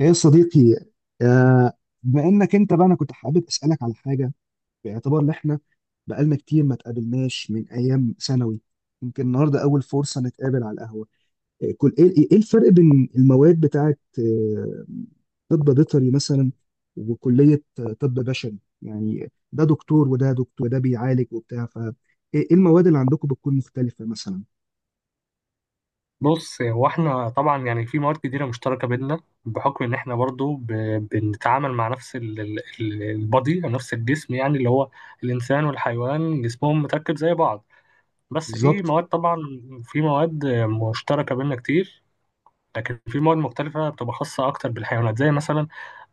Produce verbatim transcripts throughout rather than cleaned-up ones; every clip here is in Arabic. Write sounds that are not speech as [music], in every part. ايه يا صديقي؟ آه. بانك انت بقى، انا كنت حابب اسالك على حاجه، باعتبار ان احنا بقالنا كتير ما تقابلناش من ايام ثانوي. يمكن النهارده اول فرصه نتقابل على القهوه. آه، كل ايه ايه إيه الفرق بين المواد بتاعه آه، طب بيطري مثلا، وكليه آه، طب بشري، يعني ده دكتور وده دكتور وده بيعالج وبتاع فايه؟ المواد اللي عندكم بتكون مختلفه مثلا؟ بص هو احنا طبعا يعني في مواد كتيرة مشتركة بينا بحكم ان احنا برضو ب... بنتعامل مع نفس ال... ال... ال- البادي او نفس الجسم، يعني اللي هو الانسان والحيوان جسمهم متركب زي بعض. بس في بالظبط. مواد طبعا، في مواد مشتركة بينا كتير، لكن في مواد مختلفة بتبقى خاصة اكتر بالحيوانات، زي مثلا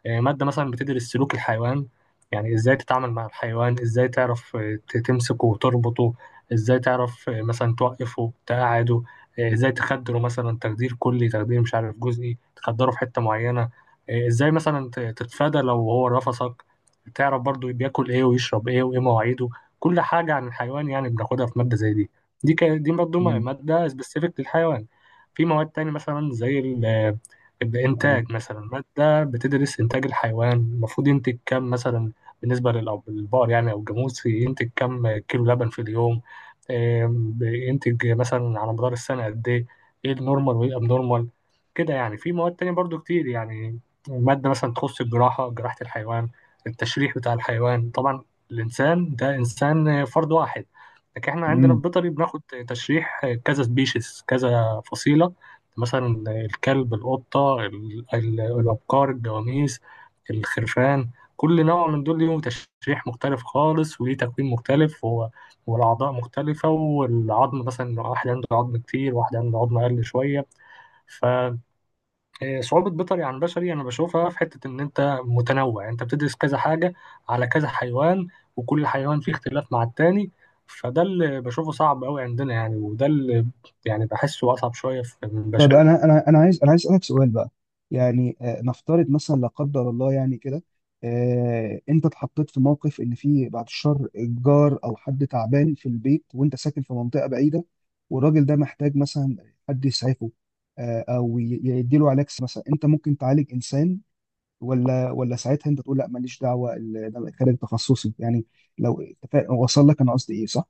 آه، مادة مثلا بتدرس سلوك الحيوان، يعني ازاي تتعامل مع الحيوان، ازاي تعرف آه، ت- تمسكه وتربطه، ازاي تعرف آه، مثلا توقفه تقعده، آه، ازاي تخدره مثلا، تخدير كلي تخدير مش عارف جزئي، تخدره في حتة معينة، آه، ازاي مثلا ت- تتفادى لو هو رفسك، تعرف برضو بياكل ايه ويشرب ايه وايه مواعيده. كل حاجة عن الحيوان يعني بناخدها في مادة زي دي. دي ك... دي برضو م- امم. مادة سبيسيفيك للحيوان. في مواد تاني مثلا زي ال- آه، اه، الإنتاج، مثلا مادة بقى بتدرس إنتاج الحيوان، المفروض ينتج كام مثلا؟ بالنسبة للأو- للبقر يعني أو الجاموس، ينتج كام كيلو لبن في اليوم، آم، بينتج مثلا على مدار السنة قد إيه، إيه النورمال وإيه الأبنورمال؟ كده يعني. في مواد تانية برضو كتير يعني، مادة مثلا تخص الجراحة، جراحة الحيوان، التشريح بتاع الحيوان طبعا. الإنسان ده إنسان فرد واحد، لكن إحنا عندنا في بيطري بناخد تشريح كذا سبيشيز، كذا فصيلة، مثلا الكلب، القطة، ال- ال- الأبقار، الجواميس، الخرفان. كل نوع من دول ليهم تشريح مختلف خالص، وليه تكوين مختلف و- والأعضاء مختلفة، والعظم مثلا، واحد عنده عظم كتير، واحد عنده عظم أقل شوية. فصعوبة بيطري عن بشري أنا بشوفها في حتة إن أنت متنوع، يعني أنت بتدرس كذا حاجة على كذا حيوان، وكل حيوان فيه اختلاف مع التاني، فده اللي بشوفه صعب أوي عندنا يعني، وده اللي يعني بحسه أصعب شوية في- من طب بشري. انا انا انا عايز انا عايز اسالك سؤال بقى، يعني آه، نفترض مثلا لا قدر الله يعني كده، آه، انت اتحطيت في موقف ان في بعد الشر جار او حد تعبان في البيت، وانت ساكن في منطقه بعيده، والراجل ده محتاج مثلا حد يسعفه آه، او ي- يديله علاج مثلا. انت ممكن تعالج انسان ولا ولا ساعتها انت تقول لا ماليش دعوه، ال- ده خارج تخصصي يعني؟ لو تفا- وصل لك انا قصدي ايه، صح؟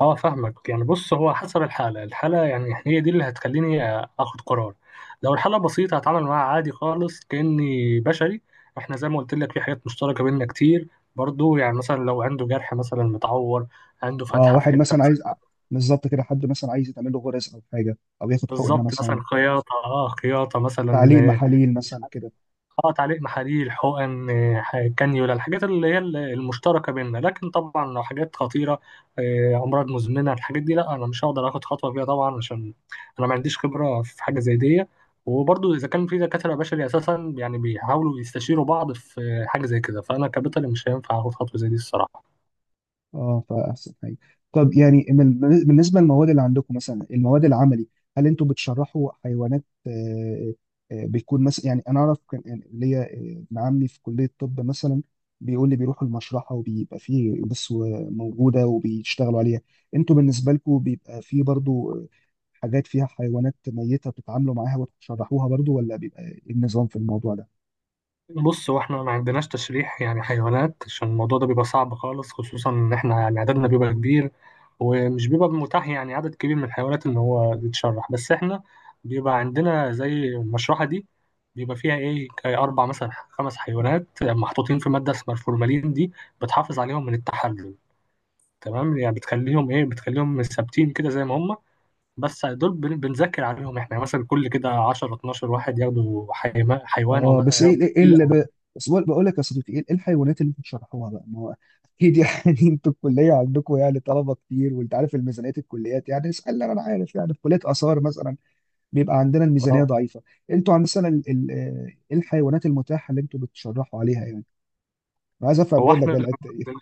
اه فاهمك، يعني بص هو حسب الحالة، الحالة يعني هي دي اللي هتخليني اخد قرار. لو الحالة بسيطة هتعامل معاها عادي خالص كأني بشري، احنا زي ما قلت لك في حاجات مشتركة بيننا كتير، برضو يعني مثلا لو عنده جرح مثلا متعور، عنده اه، فتحة في واحد حتة مثلا عايز آه، مثلاً-. بالظبط كده، حد مثلا عايز يتعمل له غرز او حاجه، او ياخد حقنه بالظبط، مثلا، مثلا خياطة، اه خياطة مثلا. تعليق آه، محاليل مثلا كده. اه تعليق محاليل، حقن، آه، ح- كانيولا، الحاجات اللي هي ال- المشتركه بيننا، لكن طبعا لو حاجات خطيره، آه، امراض مزمنه، الحاجات دي لا، انا مش هقدر اخد خطوه فيها طبعا، عشان انا ما عنديش خبره في حاجه زي دي. وبرضه اذا كان في دكاتره بشري اساسا يعني بيحاولوا يستشيروا بعض في حاجه زي كده، فانا كبيطري مش هينفع اخد خطوه زي دي الصراحه. اه، فاحسن حاجه. طب يعني من- بالنسبه للمواد اللي عندكم، مثلا المواد العملي، هل انتوا بتشرحوا حيوانات آه، آه، بيكون مثلا، يعني انا اعرف كان يعني ليا آه، ابن عمي في كليه الطب مثلا، بيقول لي بيروحوا المشرحه وبيبقى فيه بس موجوده وبيشتغلوا عليها. انتوا بالنسبه لكم بيبقى فيه برضو آه، حاجات فيها حيوانات ميته بتتعاملوا معاها وتشرحوها برضو، ولا بيبقى إيه النظام في الموضوع ده؟ بص هو احنا ما عندناش تشريح يعني حيوانات، عشان الموضوع ده بيبقى صعب خالص، خصوصا ان احنا يعني عددنا بيبقى كبير، ومش بيبقى متاح يعني عدد كبير من الحيوانات ان هو يتشرح. بس احنا بيبقى عندنا زي المشرحة دي، بيبقى فيها ايه كي اربع مثلا خمس حيوانات محطوطين في مادة اسمها الفورمالين، دي بتحافظ عليهم من التحلل، تمام، يعني بتخليهم ايه بتخليهم ثابتين كده زي ما هم. بس دول بن- بنذاكر عليهم احنا يعني، مثلا كل كده عشرة اتناشر واحد ياخدوا حيما- حيوان، او اه، مثلا بس ايه ياخدوا ايه إيه اللي ب... بس بقول بقول لك يا صديقي، ايه إيه الحيوانات اللي انتوا بتشرحوها بقى؟ ما هو اكيد يعني [laughs] انتوا الكليه عندكم يعني طلبه كتير، وانت عارف الميزانيات الكليات يعني. اسال، انا عارف يعني، في كليه اثار مثلا بيبقى عندنا الميزانيه ضعيفه. انتوا عند مثلا ال... ال... آه، إيه الحيوانات المتاحه اللي انتوا بتشرحوا عليها يعني؟ انا عايز افهم هو منك احمد، الحته دي.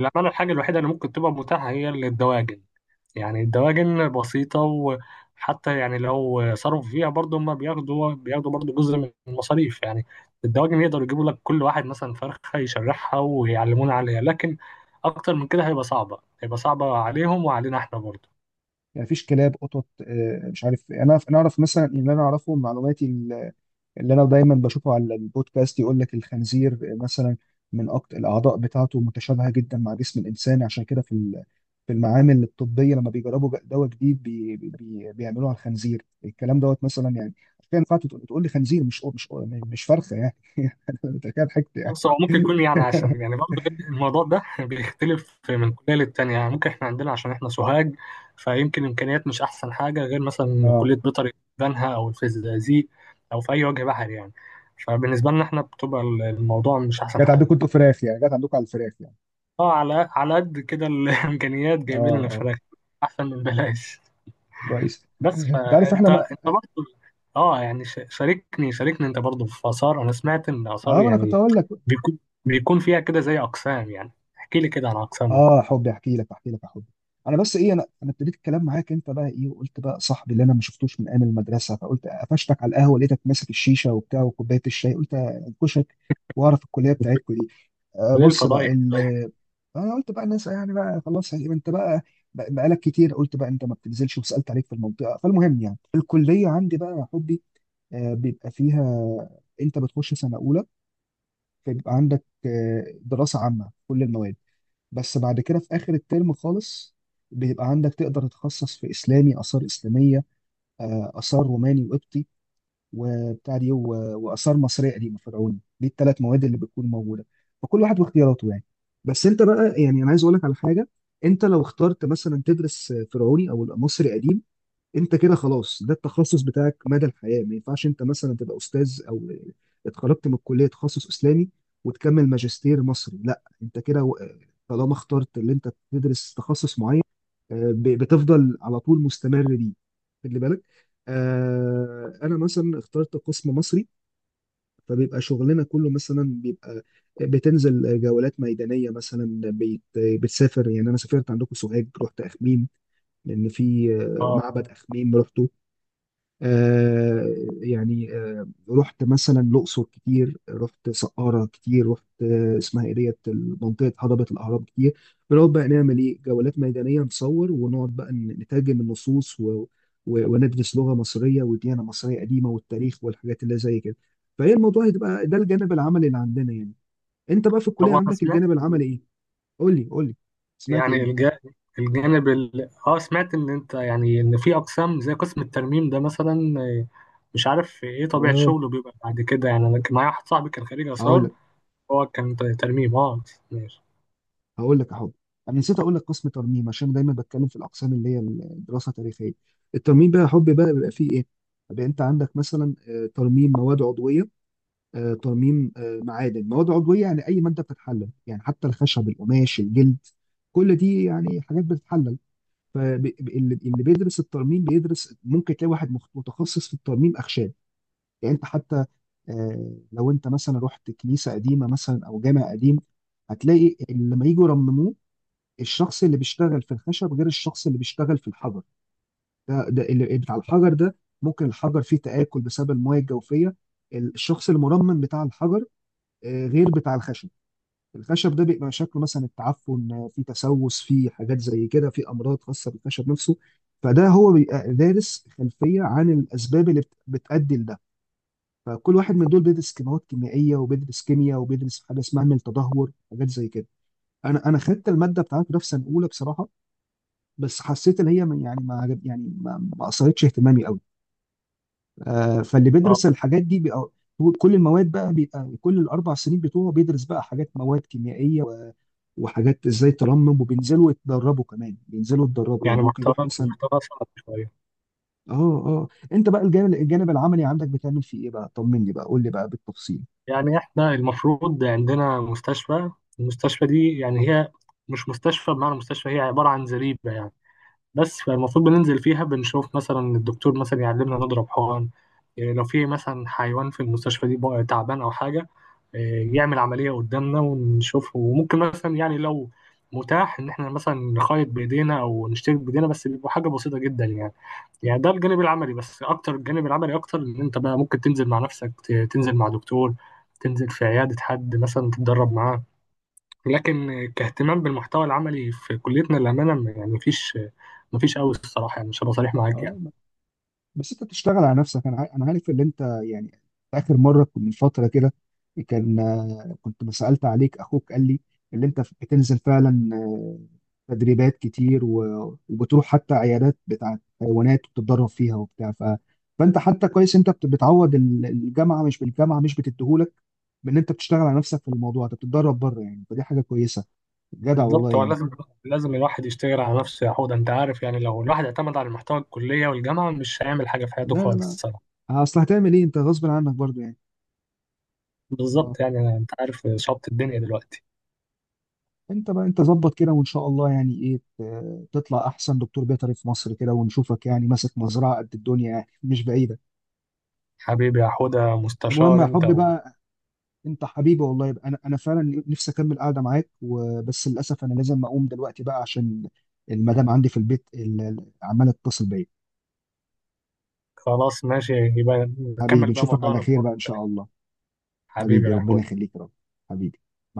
للأمانة الحاجة الوحيدة اللي ممكن تبقى متاحة هي الدواجن. يعني الدواجن بسيطة، وحتى يعني لو صرفوا فيها برضه، هما بياخدوا بياخدوا برضه جزء من المصاريف يعني. الدواجن يقدروا يجيبوا لك كل واحد مثلا فرخة يشرحها ويعلمونا عليها، لكن أكتر من كده هيبقى صعبة، هيبقى صعبة عليهم وعلينا احنا برضه. يعني مفيش كلاب، قطط آه، مش عارف انا. انا اعرف مثلا، اللي انا اعرفه من معلوماتي، اللي انا دايما بشوفه على البودكاست، يقول لك الخنزير مثلا من أكتر الاعضاء بتاعته متشابهه جدا مع جسم الانسان، عشان كده في ال- في المعامل الطبيه لما بيجربوا ج- دواء جديد بي بي بيعملوه على الخنزير، الكلام دوت مثلا يعني. عشان كده ينفع تقول تقول لي خنزير، مش مش مش فرخه يعني. [laughs] انت كده ضحكت يعني. بص هو ممكن يكون، يعني [laughs] عشان يعني برضه الموضوع ده [laughs] بيختلف من كلية للتانية، يعني ممكن احنا عندنا عشان احنا سوهاج، فيمكن إمكانيات مش أحسن حاجة، غير مثلا اه، كلية بيطري بنها أو الفيزيازيق أو في أي وجه بحري يعني. فبالنسبة لنا احنا بتبقى الموضوع مش أحسن جت حاجة. عندكم انتوا فراخ يعني، جت عندكم على الفراخ يعني. اه، على على قد كده [laughs] الإمكانيات اه، جايبين لنا اه، فراخ، أحسن من بلاش. كويس. بس انت عارف احنا فانت ما... انت برضه، اه يعني ش- شاركني شاركني انت برضه في آثار، انا سمعت ان آثار اه، ما انا كنت يعني هقول لك. بيكون بيكون فيها كده زي اقسام يعني، احكي لي كده عن اقسامها، اه حبي، احكي لك احكي لك يا حبي. انا بس ايه، انا انا ابتديت الكلام معاك انت بقى، ايه، وقلت بقى صاحبي اللي انا ما شفتوش من ايام المدرسه، فقلت قفشتك على القهوه، لقيتك ماسك الشيشه وبتاع وكوبايه الشاي، قلت انكشك واعرف الكليه بتاعتكم دي. آه، وليه بص بقى الفضائح. ال... انا قلت بقى، الناس يعني بقى خلاص يعني، انت بقى بقى- بقالك كتير. قلت بقى انت ما بتنزلش، وسالت عليك في المنطقه. فالمهم يعني الكليه عندي بقى يا حبي، آه، بيبقى فيها، انت بتخش سنه اولى فبيبقى عندك آه دراسه عامه في كل المواد. بس بعد كده، في آخر الترم خالص، بيبقى عندك تقدر تتخصص في إسلامي، آثار إسلامية، آه، آثار روماني وقبطي، وبتاع دي، و- وآثار مصرية قديمة فرعوني. دي الثلاث مواد اللي بتكون موجودة، فكل واحد واختياراته يعني. بس أنت بقى يعني، أنا عايز أقول لك على حاجة، أنت لو اخترت مثلا تدرس فرعوني أو مصري قديم، انت كده خلاص، ده التخصص بتاعك مدى الحياه. ما ينفعش انت مثلا تبقى استاذ، او اتخرجت من الكليه تخصص اسلامي وتكمل ماجستير مصري، لا انت كده و- طالما اخترت اللي انت تدرس تخصص معين آه، ب- بتفضل على طول مستمر بيه، خلي بالك. آه، انا مثلا اخترت قسم مصري، فبيبقى شغلنا كله مثلا بيبقى بتنزل جولات ميدانيه. مثلا بيت، بتسافر يعني، انا سافرت عندكم سوهاج، رحت اخميم، لان في آه، اه معبد اخميم. رحت آه، يعني آه، رحت مثلا الأقصر كتير، رحت سقارة كتير، رحت آه، اسمها ايه، ديت، منطقة هضبة الأهرام كتير. بنقعد بقى نعمل ايه، جولات ميدانية، نصور، ونقعد بقى ن- نترجم النصوص، و... و... وندرس لغة مصرية، وديانة مصرية قديمة، والتاريخ، والحاجات اللي زي كده. فهي الموضوع هتبقى ده الجانب العملي اللي عندنا يعني. انت بقى في طب الكلية، انا عندك سمعت، الجانب العملي ايه؟ قول لي قول لي، سمعت يعني ايه؟ الج- الجانب ال... اه سمعت ان انت يعني ان في اقسام زي قسم الترميم ده مثلا، آه، مش عارف ايه طبيعة اه، شغله بيبقى بعد كده، يعني انا كان معايا واحد صاحبي كان خريج هقول آثار، لك هو كان ت- ترميم. اه ماشي. هقول لك يا حب. انا نسيت اقول لك قسم ترميم، عشان دايما بتكلم في الاقسام اللي هي الدراسه التاريخيه. الترميم بقى يا حب، بقى بيبقى فيه ايه. بيبقى انت عندك مثلا آه، ترميم مواد عضويه، آه، ترميم آه، معادن، مواد عضويه يعني اي ماده بتتحلل، يعني حتى الخشب، القماش، الجلد، كل دي يعني حاجات بتتحلل. فاللي اللي بيدرس الترميم بيدرس، ممكن تلاقي واحد مخ- متخصص في الترميم اخشاب يعني. انت حتى آه، لو انت مثلا رحت كنيسه قديمه مثلا او جامع قديم، هتلاقي اللي لما يجوا يرمموه، الشخص اللي بيشتغل في الخشب غير الشخص اللي بيشتغل في الحجر. ده ده اللي بتاع الحجر ده، ممكن الحجر فيه تآكل بسبب المياه الجوفية. الشخص المرمم بتاع الحجر آه، غير بتاع الخشب. الخشب ده بيبقى شكله مثلا التعفن آه، فيه تسوس، فيه حاجات زي كده، فيه أمراض خاصة بالخشب نفسه. فده هو بيبقى دارس خلفية عن الأسباب اللي بت- بتؤدي لده. فكل واحد من دول بيدرس كيماوات كيميائية، وبيدرس كيمياء، وبيدرس حاجة اسمها عمل تدهور، حاجات زي كده. انا انا خدت الماده بتاعت في سنه اولى بصراحه، بس حسيت ان هي ما- يعني ما عجب يعني، ما ما اثرتش اهتمامي قوي. آه، فاللي اه بيدرس الحاجات دي بيبقى كل المواد بقى، بيبقى كل الاربع سنين بتوعه بيدرس بقى حاجات مواد كيميائيه و- وحاجات ازاي ترمم، وبينزلوا يتدربوا كمان، بينزلوا يتدربوا يعني، يعني ممكن محتوى يروح مثلا. محتوى صعب شوية. اه، اه، انت بقى الجانب الجانب العملي عندك بتعمل فيه ايه بقى؟ طمني بقى، قول لي بقى بالتفصيل. يعني احنا المفروض عندنا مستشفى، المستشفى دي يعني هي مش مستشفى بمعنى مستشفى، هي عبارة عن زريبة يعني، بس فالمفروض بننزل فيها، بنشوف مثلا الدكتور مثلا يعلمنا نضرب حقن، إيه، لو في مثلا حيوان في المستشفى دي بقى تعبان او حاجة، إيه، يعمل عملية قدامنا ونشوفه، وممكن مثلا يعني لو متاح ان احنا مثلا نخيط بايدينا او نشترك بايدينا، بس بيبقى حاجة بسيطة جدا يعني. يعني ده الجانب العملي، بس اكتر، الجانب العملي اكتر ان انت بقى ممكن تنزل مع نفسك، ت- تنزل مع دكتور، تنزل في عيادة حد مثلا تتدرب معاه، لكن كاهتمام بالمحتوى العملي في كليتنا للأمانة م- يعني مفيش مفيش قوي الصراحة يعني، مش هبقى صريح معاك يعني. اه بس انت بتشتغل على نفسك، انا عا- انا عارف ان انت يعني، اخر مره كنت- من فتره كده كان آه، كنت ما سالت عليك اخوك قال لي اللي انت بتنزل فعلا آه، تدريبات كتير، و- وبتروح حتى عيادات بتاعت حيوانات وبتتدرب فيها، وبتاع ف... فانت حتى كويس، انت بت- بتعوض ال- الجامعه مش بالجامعه مش بتديهولك، بان انت بتشتغل على نفسك في الموضوع، انت بتتدرب بره يعني، فدي حاجه كويسه، جدع والله بالظبط، هو يعني. لازم لازم الواحد يشتغل على نفسه يا حوده، انت عارف يعني لو الواحد اعتمد على المحتوى الكلية والجامعة مش هيعمل حاجة في حياته لا، لا، خالص لا، الصراحة. اصل هتعمل ايه، انت غصب عنك برضو يعني. اه، بالظبط، يعني انت عارف شط الدنيا دلوقتي. انت بقى انت ظبط كده، وان شاء الله يعني ايه ت- تطلع احسن دكتور بيطري في مصر كده، ونشوفك يعني ماسك مزرعه قد الدنيا يعني [laughs] مش بعيده. حبيبي يا حوده، المهم مستشار يا انت. حبي بقى، انت حبيبي والله، يبقى انا انا فعلا نفسي اكمل قاعده معاك، وبس للاسف انا لازم اقوم دلوقتي بقى، عشان المدام عندي في البيت ال- ال- عماله تتصل بيا. خلاص ماشي، يبقى نكمل حبيبي، بقى نشوفك على موضوعنا في خير بقى مرة ان شاء تانية. الله. حبيبي حبيبي، يا ربنا حود. يخليك يا رب. حبيبي. مع